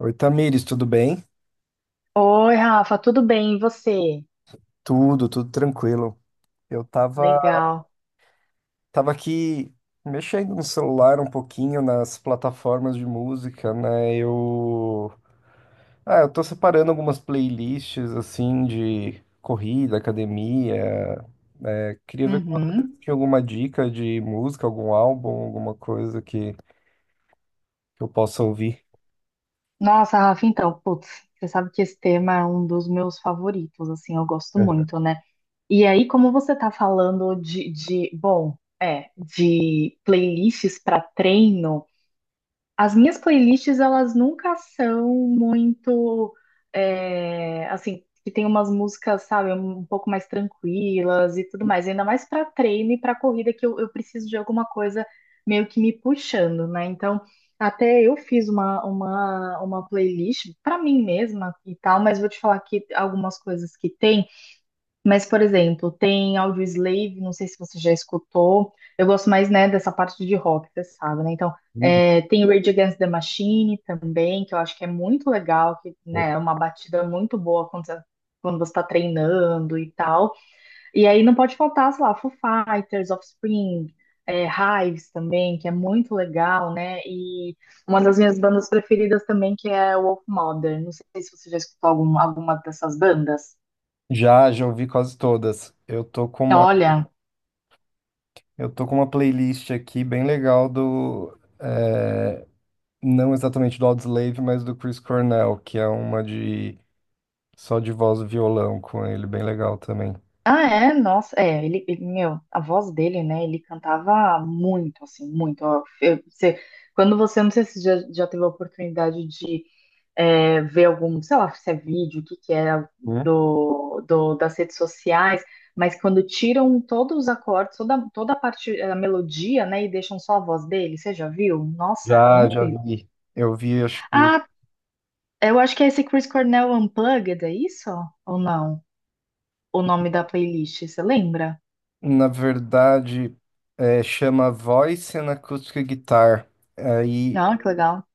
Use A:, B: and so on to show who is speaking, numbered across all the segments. A: Oi, Tamires, tudo bem?
B: Oi, Rafa, tudo bem? E você?
A: Tudo, tranquilo. Eu tava,
B: Legal.
A: Tava aqui mexendo no celular um pouquinho nas plataformas de música, né? Eu tô separando algumas playlists assim de corrida, academia. Né? Queria ver como você
B: Uhum.
A: tinha alguma dica de música, algum álbum, alguma coisa que eu possa ouvir.
B: Nossa, Rafa, então, putz, você sabe que esse tema é um dos meus favoritos, assim, eu gosto muito, né? E aí, como você tá falando de bom, de playlists para treino. As minhas playlists, elas nunca são muito, assim, que tem umas músicas, sabe, um pouco mais tranquilas e tudo mais. Ainda mais para treino e para corrida, que eu preciso de alguma coisa meio que me puxando, né? Então, até eu fiz uma playlist para mim mesma e tal, mas vou te falar que algumas coisas que tem. Mas, por exemplo, tem Audioslave, não sei se você já escutou. Eu gosto mais, né, dessa parte de rock, você sabe, né? Então,
A: Uhum.
B: tem Rage Against the Machine também, que eu acho que é muito legal, que, né, é uma batida muito boa quando quando você tá treinando e tal. E aí não pode faltar, sei lá, Foo Fighters, Offspring, é, Hives também, que é muito legal, né? E uma das minhas bandas preferidas também, que é Wolf Mother. Não sei se você já escutou alguma dessas bandas.
A: Já ouvi quase todas.
B: Olha,
A: Eu tô com uma playlist aqui bem legal do eh, não exatamente do Audioslave, mas do Chris Cornell, que é uma de só de voz e violão com ele, bem legal também.
B: ah, é? Nossa, é, meu, a voz dele, né, ele cantava muito, assim, muito, ó, você, quando você, não sei se já teve a oportunidade de ver algum, sei lá, se é vídeo, o que que é
A: Hum?
B: das redes sociais, mas quando tiram todos os acordes, toda a parte, a melodia, né, e deixam só a voz dele, você já viu? Nossa, é
A: Já
B: incrível.
A: vi. Eu vi,
B: Ah, eu acho que é esse Chris Cornell Unplugged, é isso? Ou não? O nome da playlist, você lembra?
A: na verdade, chama Voice and Acoustic Guitar. Aí
B: Não, que legal.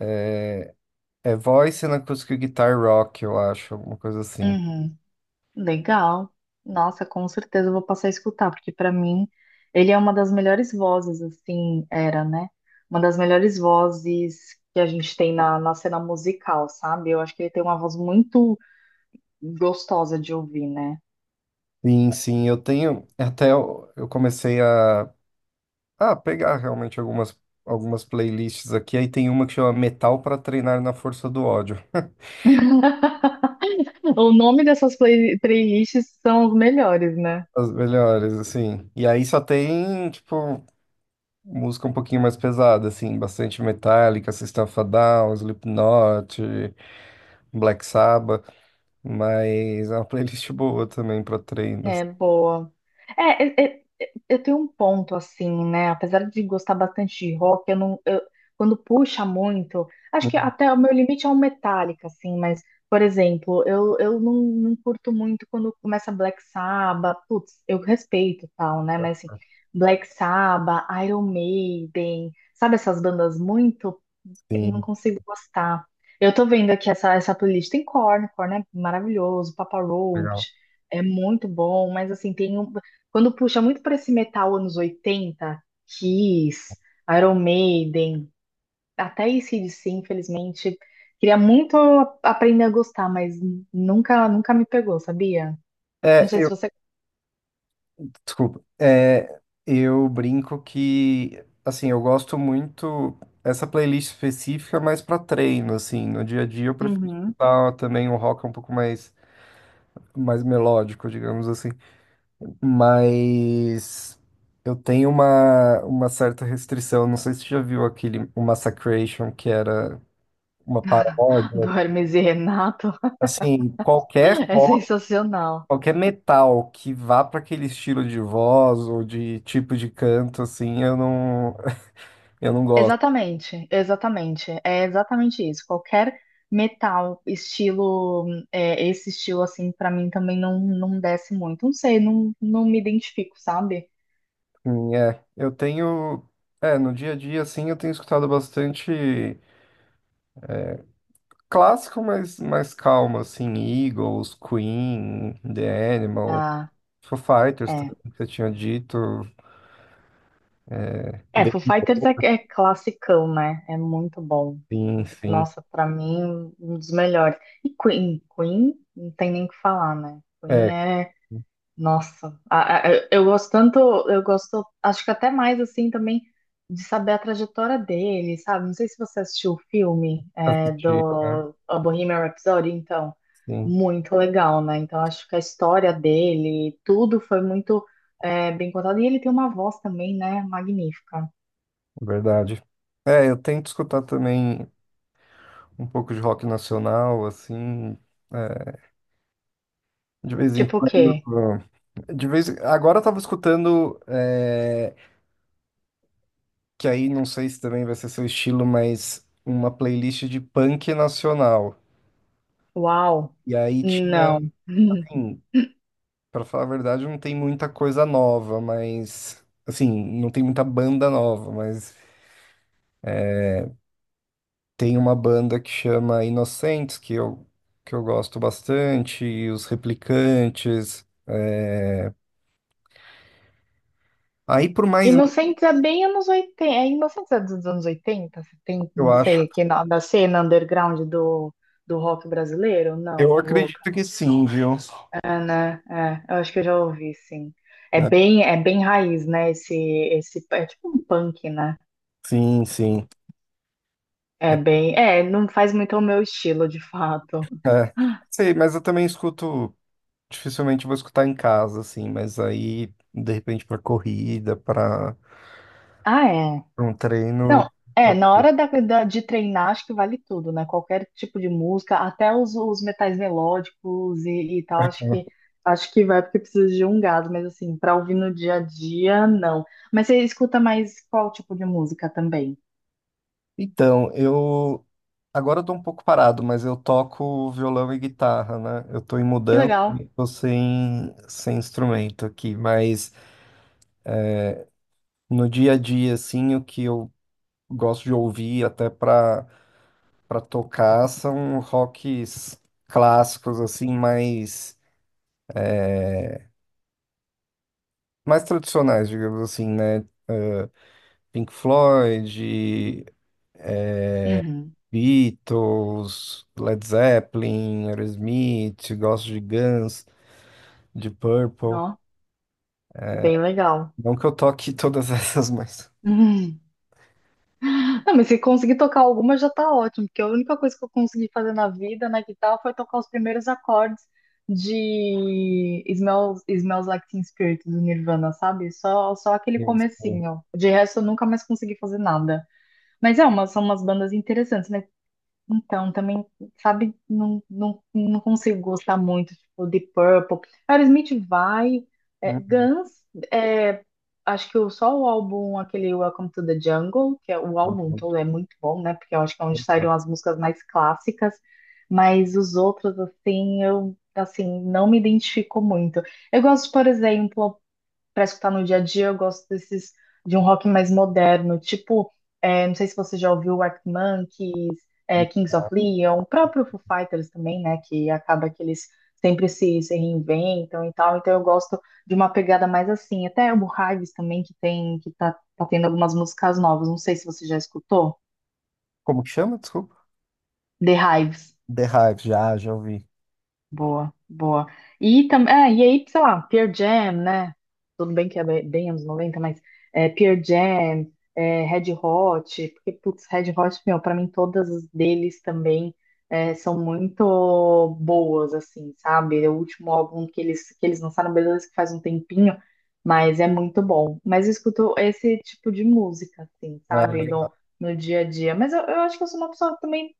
A: é, é Voice and Acoustic Guitar Rock, eu acho, alguma coisa assim.
B: Uhum, legal. Nossa, com certeza eu vou passar a escutar, porque para mim ele é uma das melhores vozes, assim, era, né? Uma das melhores vozes que a gente tem na, na cena musical, sabe? Eu acho que ele tem uma voz muito gostosa de ouvir, né?
A: Sim, sim, eu tenho. Eu comecei a pegar realmente algumas playlists aqui. Aí tem uma que chama Metal para Treinar na Força do Ódio.
B: O nome dessas playlists são os melhores, né?
A: As melhores, assim. E aí só tem, tipo, música um pouquinho mais pesada, assim, bastante Metallica, System of a Down, Slipknot, Black Sabbath, mas é uma playlist boa também pra
B: É
A: treinos.
B: boa. Eu tenho um ponto assim, né? Apesar de gostar bastante de rock, eu não, eu- quando puxa muito, acho que até o meu limite é um Metallica, assim. Mas, por exemplo, eu não, não curto muito quando começa Black Sabbath. Putz, eu respeito e tal, né? Mas assim, Black Sabbath, Iron Maiden, sabe essas bandas muito eu não
A: Sim,
B: consigo gostar. Eu tô vendo aqui essa playlist. Tem Korn, Korn é maravilhoso, Papa
A: legal.
B: Roach é muito bom, mas assim, quando puxa muito pra esse metal anos 80, Kiss, Iron Maiden, até AC/DC, infelizmente, queria muito aprender a gostar, mas nunca me pegou, sabia? Não
A: É,
B: sei se
A: eu,
B: você...
A: eu brinco que, assim, eu gosto muito essa playlist específica mais pra treino, assim, no dia a dia eu prefiro
B: Uhum.
A: escutar também um rock um pouco mais, mais melódico, digamos assim. Mas uma certa restrição. Não sei se você já viu aquele o Massacration, que era uma
B: Do
A: paródia.
B: Hermes e Renato.
A: Assim,
B: É sensacional.
A: qualquer metal que vá para aquele estilo de voz ou de tipo de canto, assim, eu não, eu não gosto.
B: Exatamente, exatamente. É exatamente isso. Qualquer metal, estilo, esse estilo assim, pra mim também não desce muito. Não sei, não me identifico, sabe?
A: Assim, é, eu tenho. É, no dia a dia, assim, eu tenho escutado bastante clássico, mas mais calmo, assim, Eagles, Queen, The Animals.
B: Ah,
A: Foo Fighters,
B: é.
A: tudo que você tinha dito.
B: É,
A: The
B: Foo Fighters é, é classicão, né? É muito bom.
A: Sim, sim.
B: Nossa, pra mim, um dos melhores. E Queen, Queen, não tem nem o que falar, né?
A: É,
B: Queen é... Nossa, eu gosto tanto, eu gosto, acho que até mais assim também de saber a trajetória dele, sabe? Não sei se você assistiu o filme
A: assisti, né?
B: do a Bohemian Rhapsody, então,
A: Sim,
B: muito legal, né? Então, acho que a história dele, tudo foi muito bem contado. E ele tem uma voz também, né? Magnífica.
A: verdade. É, eu tento escutar também um pouco de rock nacional, assim, é, de vez em
B: Tipo o
A: quando.
B: quê?
A: Agora eu tava escutando, é, que aí não sei se também vai ser seu estilo, mas uma playlist de punk nacional.
B: Uau!
A: E aí tinha,
B: Não.
A: assim, Pra falar a verdade, não tem muita coisa nova, mas assim, não tem muita banda nova, mas tem uma banda que chama Inocentes, que eu gosto bastante, e os Replicantes. Aí por mais
B: Inocentes é bem anos oitenta. É Inocentes é dos anos 80 70,
A: eu
B: não
A: acho.
B: sei, aqui na, da cena underground do, do rock brasileiro? Não,
A: Eu
B: tô louca.
A: acredito que sim, viu?
B: É, né? É, eu acho que eu já ouvi, sim.
A: Né?
B: É bem raiz, né? Esse, é tipo um punk, né?
A: Sim, sim. É.
B: É, não faz muito o meu estilo, de fato.
A: é, Sei, mas eu também escuto, dificilmente vou escutar em casa, assim, mas aí, de repente, pra corrida,
B: Ah, é.
A: pra um
B: Não,
A: treino.
B: é, na hora de treinar, acho que vale tudo, né? Qualquer tipo de música, até os metais melódicos e tal, acho que vai porque precisa de um gás, mas assim, pra ouvir no dia a dia, não. Mas você escuta mais qual tipo de música também?
A: Então, eu agora eu tô um pouco parado, mas eu toco violão e guitarra, né? Eu tô em
B: Que
A: mudança,
B: legal.
A: e tô sem instrumento aqui, mas no dia a dia, assim, o que eu gosto de ouvir até pra tocar são rocks clássicos, assim, mais tradicionais, digamos assim, né? É, Pink Floyd,
B: Uhum.
A: Beatles, Led Zeppelin, Aerosmith, gosto de Guns, de Purple.
B: Ó, bem legal.
A: Não que eu toque todas essas, mas.
B: Ah, mas se conseguir tocar alguma já tá ótimo, porque a única coisa que eu consegui fazer na vida, na guitarra, foi tocar os primeiros acordes de Smells Like Teen Spirit do Nirvana, sabe? Só aquele
A: Isso.
B: comecinho. De resto, eu nunca mais consegui fazer nada. Mas é, uma, são umas bandas interessantes, né? Então, também, sabe, não consigo gostar muito, tipo, de Purple. Aerosmith vai, é, Guns, é, acho que só o álbum, aquele Welcome to the Jungle, que é o álbum todo é muito bom, né, porque eu acho que é onde saíram as músicas mais clássicas, mas os outros, assim, eu, assim, não me identifico muito. Eu gosto, por exemplo, para escutar no dia a dia, eu gosto desses de um rock mais moderno, tipo, é, não sei se você já ouviu o Arctic Monkeys, é, Kings of Leon, o próprio Foo Fighters também, né? Que acaba que eles sempre se reinventam e tal. Então eu gosto de uma pegada mais assim. Até o Hives também, que tá tendo algumas músicas novas. Não sei se você já escutou.
A: Como que chama? Desculpa.
B: The Hives.
A: The Hive, já ouvi.
B: Boa, boa. E também, é, e aí, sei lá, Pearl Jam, né? Tudo bem que é bem anos 90, mas é, Pearl Jam, é, Red Hot, porque, putz, Red Hot, meu, pra mim todas as deles também é, são muito boas, assim, sabe? É o último álbum que que eles lançaram, beleza, que faz um tempinho, mas é muito bom. Mas eu escuto esse tipo de música, assim,
A: Ah,
B: sabe?
A: legal.
B: No, no dia a dia. Mas eu acho que eu sou uma pessoa que também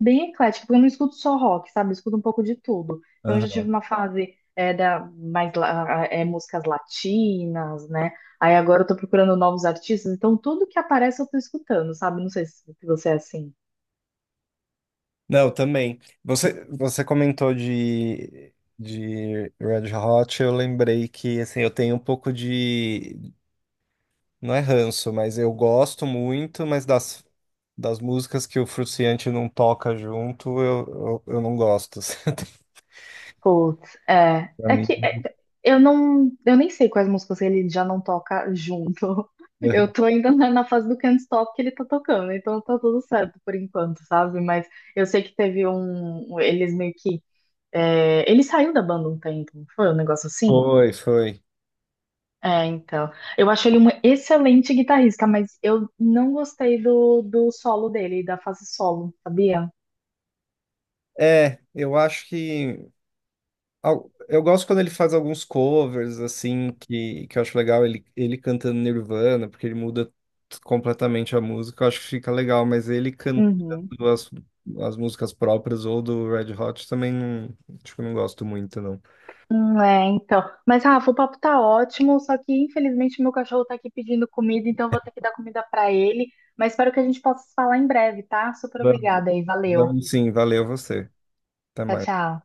B: bem eclética, porque eu não escuto só rock, sabe? Eu escuto um pouco de tudo. Então, eu já tive
A: Aham.
B: uma fase é, da, mais la- é, músicas latinas, né? Aí agora eu tô procurando novos artistas, então tudo que aparece eu tô escutando, sabe? Não sei se você é assim.
A: Não, também. Você comentou de Red Hot, eu lembrei que assim, eu tenho um pouco de. Não é ranço, mas eu gosto muito, mas das músicas que o Fruciante não toca junto, eu não gosto. Assim,
B: Putz, é.
A: pra mim.
B: Eu não. Eu nem sei quais músicas ele já não toca junto. Eu tô ainda na fase do Can't Stop que ele tá tocando, então tá tudo certo por enquanto, sabe? Mas eu sei que teve um. Eles meio que... É, ele saiu da banda um tempo, não foi um negócio assim?
A: Foi, foi.
B: É, então. Eu acho ele um excelente guitarrista, mas eu não gostei do solo dele, da fase solo, sabia?
A: É, eu acho que. Al- eu gosto quando ele faz alguns covers, assim, que eu acho legal. Ele cantando Nirvana, porque ele muda t- completamente a música. Eu acho que fica legal, mas ele cantando
B: Uhum.
A: as, as músicas próprias ou do Red Hot também não, tipo, não gosto muito, não.
B: É, então. Mas, Rafa, o papo tá ótimo, só que infelizmente meu cachorro tá aqui pedindo comida, então eu vou ter que dar comida pra ele. Mas espero que a gente possa se falar em breve, tá? Super
A: Vamos,
B: obrigada aí, valeu.
A: vamos sim, valeu você. Até
B: Tchau,
A: mais.
B: tchau.